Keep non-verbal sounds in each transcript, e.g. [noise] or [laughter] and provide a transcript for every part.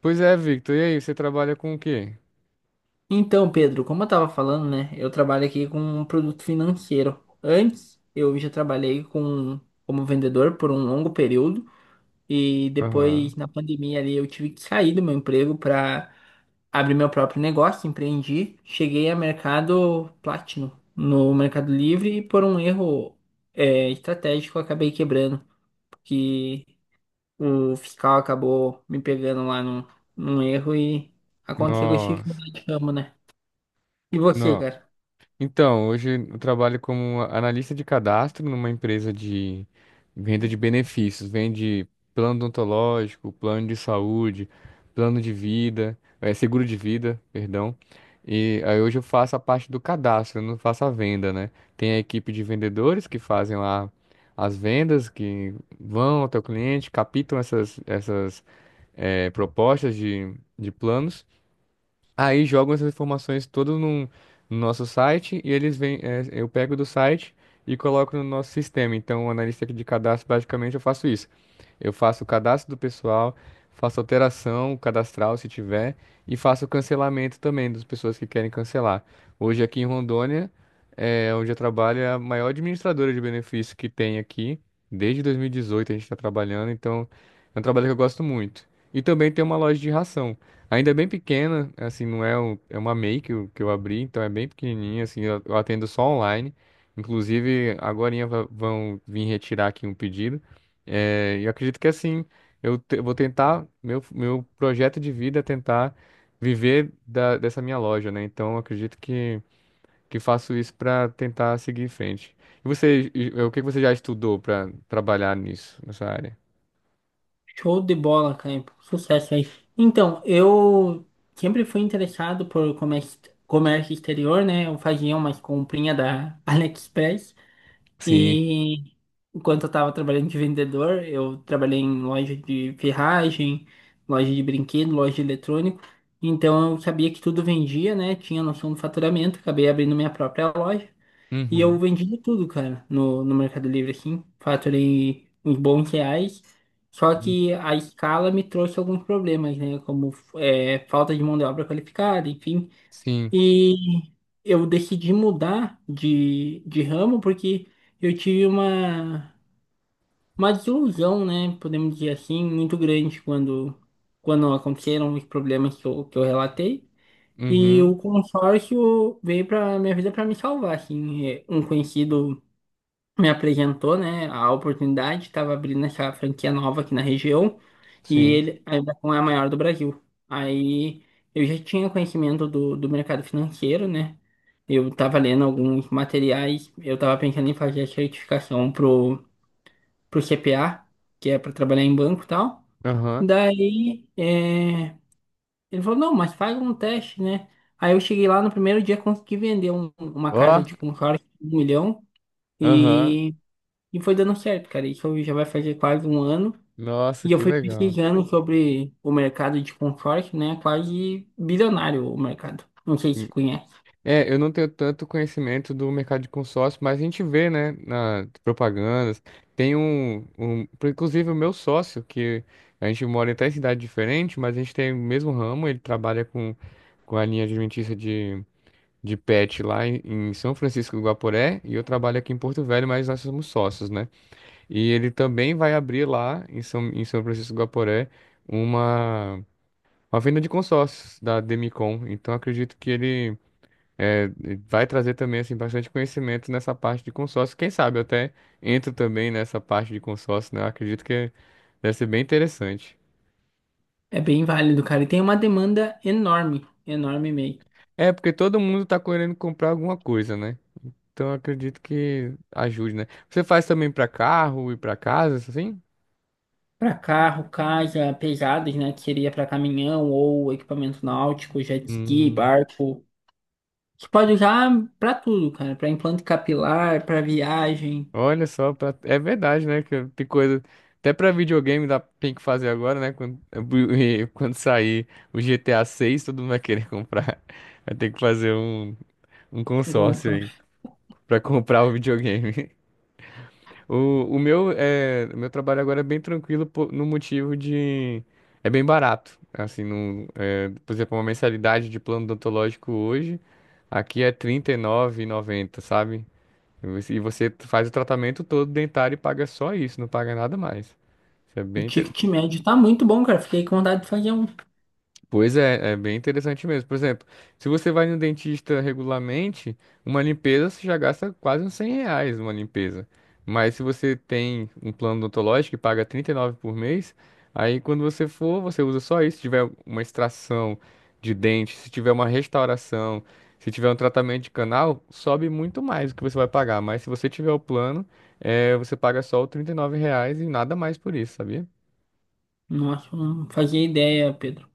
Pois é, Victor. E aí, você trabalha com o quê? Então, Pedro, como eu estava falando, né? Eu trabalho aqui com um produto financeiro. Antes, eu já trabalhei com, como vendedor por um longo período e Aham. depois, na pandemia ali, eu tive que sair do meu emprego para abrir meu próprio negócio, empreendi. Cheguei a mercado Platinum no Mercado Livre e por um erro estratégico eu acabei quebrando, porque o fiscal acabou me pegando lá num erro e aconteceu que eu tive que Nossa. mudar de ramo, né? E você, Não. cara? Então, hoje eu trabalho como analista de cadastro numa empresa de venda de benefícios. Vende plano odontológico, plano de saúde, plano de vida, seguro de vida, perdão. E aí hoje eu faço a parte do cadastro, eu não faço a venda, né? Tem a equipe de vendedores que fazem lá as vendas, que vão até o cliente, captam essas propostas de planos. Aí jogam essas informações todas no nosso site e eles vêm, eu pego do site e coloco no nosso sistema. Então, o analista de cadastro, basicamente, eu faço isso. Eu faço o cadastro do pessoal, faço alteração cadastral, se tiver, e faço o cancelamento também das pessoas que querem cancelar. Hoje, aqui em Rondônia, onde eu trabalho, é a maior administradora de benefícios que tem aqui. Desde 2018 a gente está trabalhando, então é um trabalho que eu gosto muito. E também tem uma loja de ração. Ainda é bem pequena, assim, não é, é uma MEI que eu abri, então é bem pequenininha, assim, eu atendo só online. Inclusive, agorinha vão vir retirar aqui um pedido. É, e eu acredito que, assim, vou tentar, meu projeto de vida é tentar viver dessa minha loja, né? Então, eu acredito que faço isso para tentar seguir em frente. E você, o que que você já estudou para trabalhar nisso, nessa área? Show de bola, cara. Sucesso aí. Então, eu sempre fui interessado por comércio, comércio exterior, né? Eu fazia umas comprinhas da [laughs] AliExpress Sim. e enquanto eu estava trabalhando de vendedor, eu trabalhei em loja de ferragem, loja de brinquedo, loja de eletrônico. Então, eu sabia que tudo vendia, né? Tinha noção do faturamento, acabei abrindo minha própria loja. E eu Uhum. vendi tudo, cara, no Mercado Livre, assim. Faturei uns bons reais. Só que a escala me trouxe alguns problemas, né? Como é, falta de mão de obra qualificada, enfim. Sim. E eu decidi mudar de ramo porque eu tive uma desilusão, né? Podemos dizer assim, muito grande quando aconteceram os problemas que eu relatei. E o Uhum. consórcio veio para minha vida para me salvar, assim. É, um conhecido me apresentou, né, a oportunidade, estava abrindo essa franquia nova aqui na região e Sim. ele ainda não é a maior do Brasil. Aí eu já tinha conhecimento do mercado financeiro, né? Eu estava lendo alguns materiais, eu estava pensando em fazer a certificação pro CPA, que é para trabalhar em banco e tal. Aham. Daí ele falou, não, mas faz um teste, né? Aí eu cheguei lá no primeiro dia, consegui vender uma Ó, casa de consórcio de 1 milhão. aham. E foi dando certo, cara. Isso já vai fazer quase um ano. Nossa, E eu que fui legal. pesquisando sobre o mercado de consórcio, né? Quase bilionário o mercado. Não sei Hum. se conhece. É, eu não tenho tanto conhecimento do mercado de consórcio, mas a gente vê, né, nas propagandas. Tem inclusive o meu sócio, que a gente mora em três cidade diferente, mas a gente tem o mesmo ramo, ele trabalha com a linha alimentícia de pet lá em São Francisco do Guaporé, e eu trabalho aqui em Porto Velho, mas nós somos sócios, né? E ele também vai abrir lá em São Francisco do Guaporé uma. Uma venda de consórcios da Demicon. Então, acredito que ele é, vai trazer também assim, bastante conhecimento nessa parte de consórcio. Quem sabe eu até entro também nessa parte de consórcio, né? Eu acredito que deve ser bem interessante. É bem válido, cara. E tem uma demanda enorme, enorme mesmo. É, porque todo mundo tá querendo comprar alguma coisa, né? Então, eu acredito que ajude, né? Você faz também para carro e para casa, assim? Para carro, casa, pesados, né? Que seria para caminhão ou equipamento náutico, jet ski, Hum. barco. Você pode usar para tudo, cara. Para implante capilar, para viagem. Olha só, é verdade, né? Que tem coisa. Até pra videogame dá. Tem que fazer agora, né? Quando. [laughs] E quando sair o GTA 6, todo mundo vai querer [laughs] comprar. Vai ter que fazer um Bom, consórcio cara, aí pra [laughs] comprar o videogame. [laughs] O meu trabalho agora é bem tranquilo no motivo de. É bem barato. Assim, no... é, por exemplo, uma mensalidade de plano odontológico hoje, aqui é R$ 39,90, sabe? E você faz o tratamento todo dentário e paga só isso, não paga nada mais. Isso é o bem. ticket médio tá muito bom, cara. Fiquei com vontade de fazer um. Pois é, é bem interessante mesmo. Por exemplo, se você vai no dentista regularmente, uma limpeza você já gasta quase uns 100 reais uma limpeza. Mas se você tem um plano odontológico que paga 39 por mês, aí quando você for, você usa só isso. Se tiver uma extração de dente, se tiver uma restauração, se tiver um tratamento de canal, sobe muito mais o que você vai pagar. Mas se você tiver o plano, você paga só o 39 reais e nada mais por isso, sabia? Nossa, não fazia ideia, Pedro.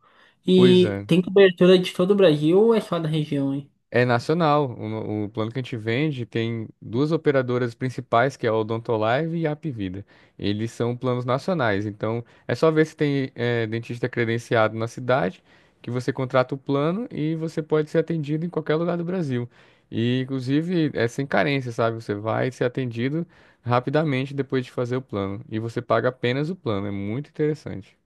Pois E é. tem cobertura de todo o Brasil ou é só da região, hein? É nacional. O plano que a gente vende tem duas operadoras principais, que é a Odontolive e a Hapvida. Eles são planos nacionais, então é só ver se tem dentista credenciado na cidade, que você contrata o plano e você pode ser atendido em qualquer lugar do Brasil. E, inclusive, é sem carência, sabe? Você vai ser atendido rapidamente depois de fazer o plano. E você paga apenas o plano. É muito interessante.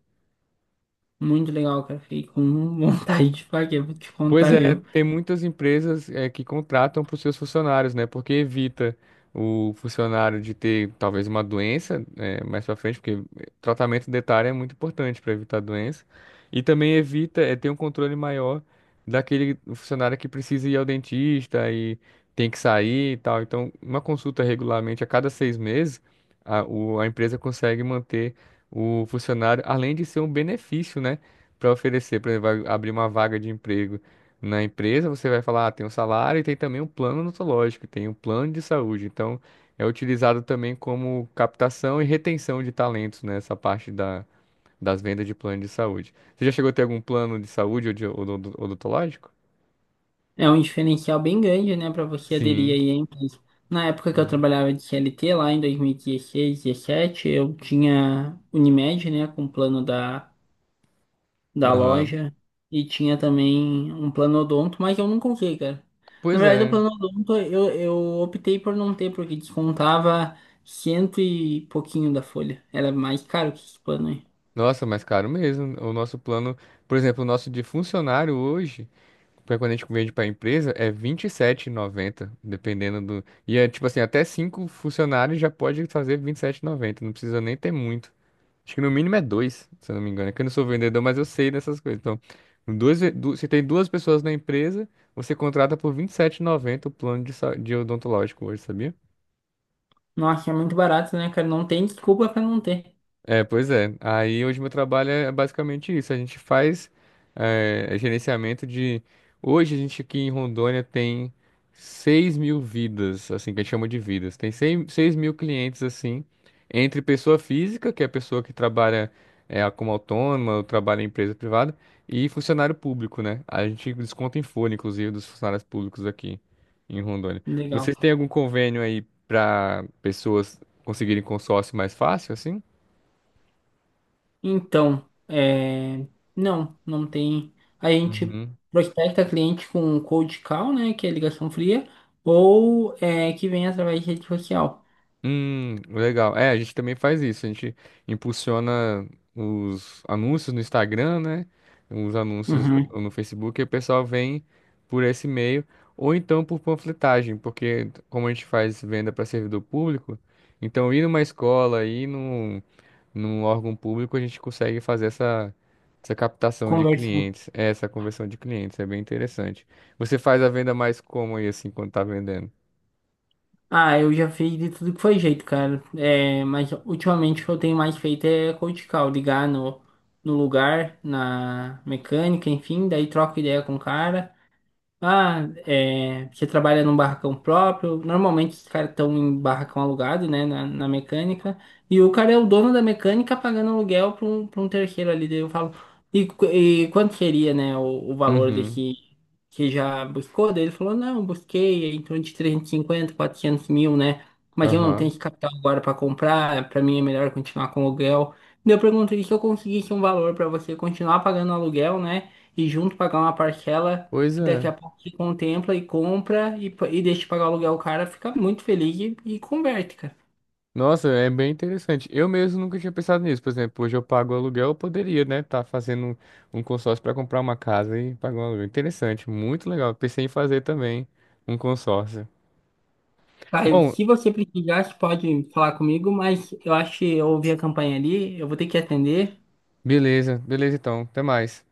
Muito legal, cara. Fiquei com [laughs] vontade de fazer, vou te Pois contar, é, viu? tem muitas empresas que contratam para os seus funcionários, né? Porque evita o funcionário de ter talvez uma doença né, mais para frente, porque tratamento dentário é muito importante para evitar doença. E também evita ter um controle maior daquele funcionário que precisa ir ao dentista e tem que sair e tal. Então, uma consulta regularmente a cada 6 meses, a empresa consegue manter o funcionário, além de ser um benefício, né? Para oferecer, por exemplo, vai abrir uma vaga de emprego na empresa, você vai falar, ah, tem um salário e tem também um plano odontológico, tem um plano de saúde. Então, é utilizado também como captação e retenção de talentos nessa parte das vendas de plano de saúde. Você já chegou a ter algum plano de saúde ou de odontológico? É um diferencial bem grande, né, pra você aderir Sim. aí à empresa. Na época que eu Hum. trabalhava de C L T lá em 2016, 17, eu tinha Unimed, né, com o plano da Aham. loja e tinha também um planodonto, mas eu nunca usei, cara. Na Pois verdade, o é. planodonto eu optei por não ter, porque descontava cento e pouquinho da folha. Era mais caro que esse plano aí. Nossa, mas caro mesmo. O nosso plano, por exemplo, o nosso de funcionário hoje. Porque quando a gente vende para a empresa, é R$ 27,90, dependendo do. E é tipo assim, até cinco funcionários já pode fazer R$ 27,90, não precisa nem ter muito. Acho que no mínimo é dois, se eu não me engano. É que eu não sou vendedor, mas eu sei dessas coisas. Então, duas, se tem duas pessoas na empresa, você contrata por R$ 27,90 o plano de odontológico hoje, sabia? Nossa, é muito barato, né, cara? Não tem desculpa pra não ter. É, pois é. Aí hoje meu trabalho é basicamente isso. A gente faz gerenciamento de. Hoje a gente aqui em Rondônia tem 6 mil vidas, assim, que a gente chama de vidas. Tem seis mil clientes, assim, entre pessoa física, que é a pessoa que trabalha como autônoma, ou trabalha em empresa privada, e funcionário público, né? A gente desconta em folha, inclusive, dos funcionários públicos aqui em Rondônia. Legal. Vocês têm algum convênio aí para pessoas conseguirem consórcio mais fácil, assim? Então, é... não, não tem. A gente Uhum. prospecta cliente com um cold call, né, que é ligação fria, ou que vem através de rede social. Legal. É, a gente também faz isso. A gente impulsiona os anúncios no Instagram, né? Os anúncios Uhum. no Facebook, e o pessoal vem por esse meio, ou então por panfletagem, porque como a gente faz venda para servidor público, então ir numa escola, ir num órgão público, a gente consegue fazer essa, essa captação de Conversa. clientes, essa conversão de clientes. É bem interessante. Você faz a venda mais como aí, assim, quando tá vendendo? Ah, eu já fiz de tudo que foi jeito, cara. É, mas ultimamente o que eu tenho mais feito é cold call, ligar no lugar, na mecânica, enfim, daí troco ideia com o cara. Ah, é, você trabalha num barracão próprio. Normalmente os caras estão em barracão alugado, né, na mecânica. E o cara é o dono da mecânica pagando aluguel para um terceiro ali. Daí eu falo, e quanto seria, né, o valor Uhum. desse que já buscou? Daí ele falou, não, busquei em torno de 350, 400 mil, né? Mas eu não tenho Aham. esse capital agora para comprar. Para mim é melhor continuar com aluguel. Daí eu pergunto, e se eu conseguisse um valor para você continuar pagando aluguel, né? E junto pagar uma parcela Pois que daqui é. a pouco te contempla e compra e, pa- e deixa pagar o aluguel, o cara fica muito feliz e converte, cara. Nossa, é bem interessante. Eu mesmo nunca tinha pensado nisso. Por exemplo, hoje eu pago aluguel, eu poderia, né, tá fazendo um consórcio para comprar uma casa e pagar um aluguel. Interessante, muito legal. Pensei em fazer também um consórcio. Caio, Bom, se você precisar, você pode falar comigo, mas eu acho que eu ouvi a campanha ali, eu vou ter que atender. beleza, beleza então. Até mais.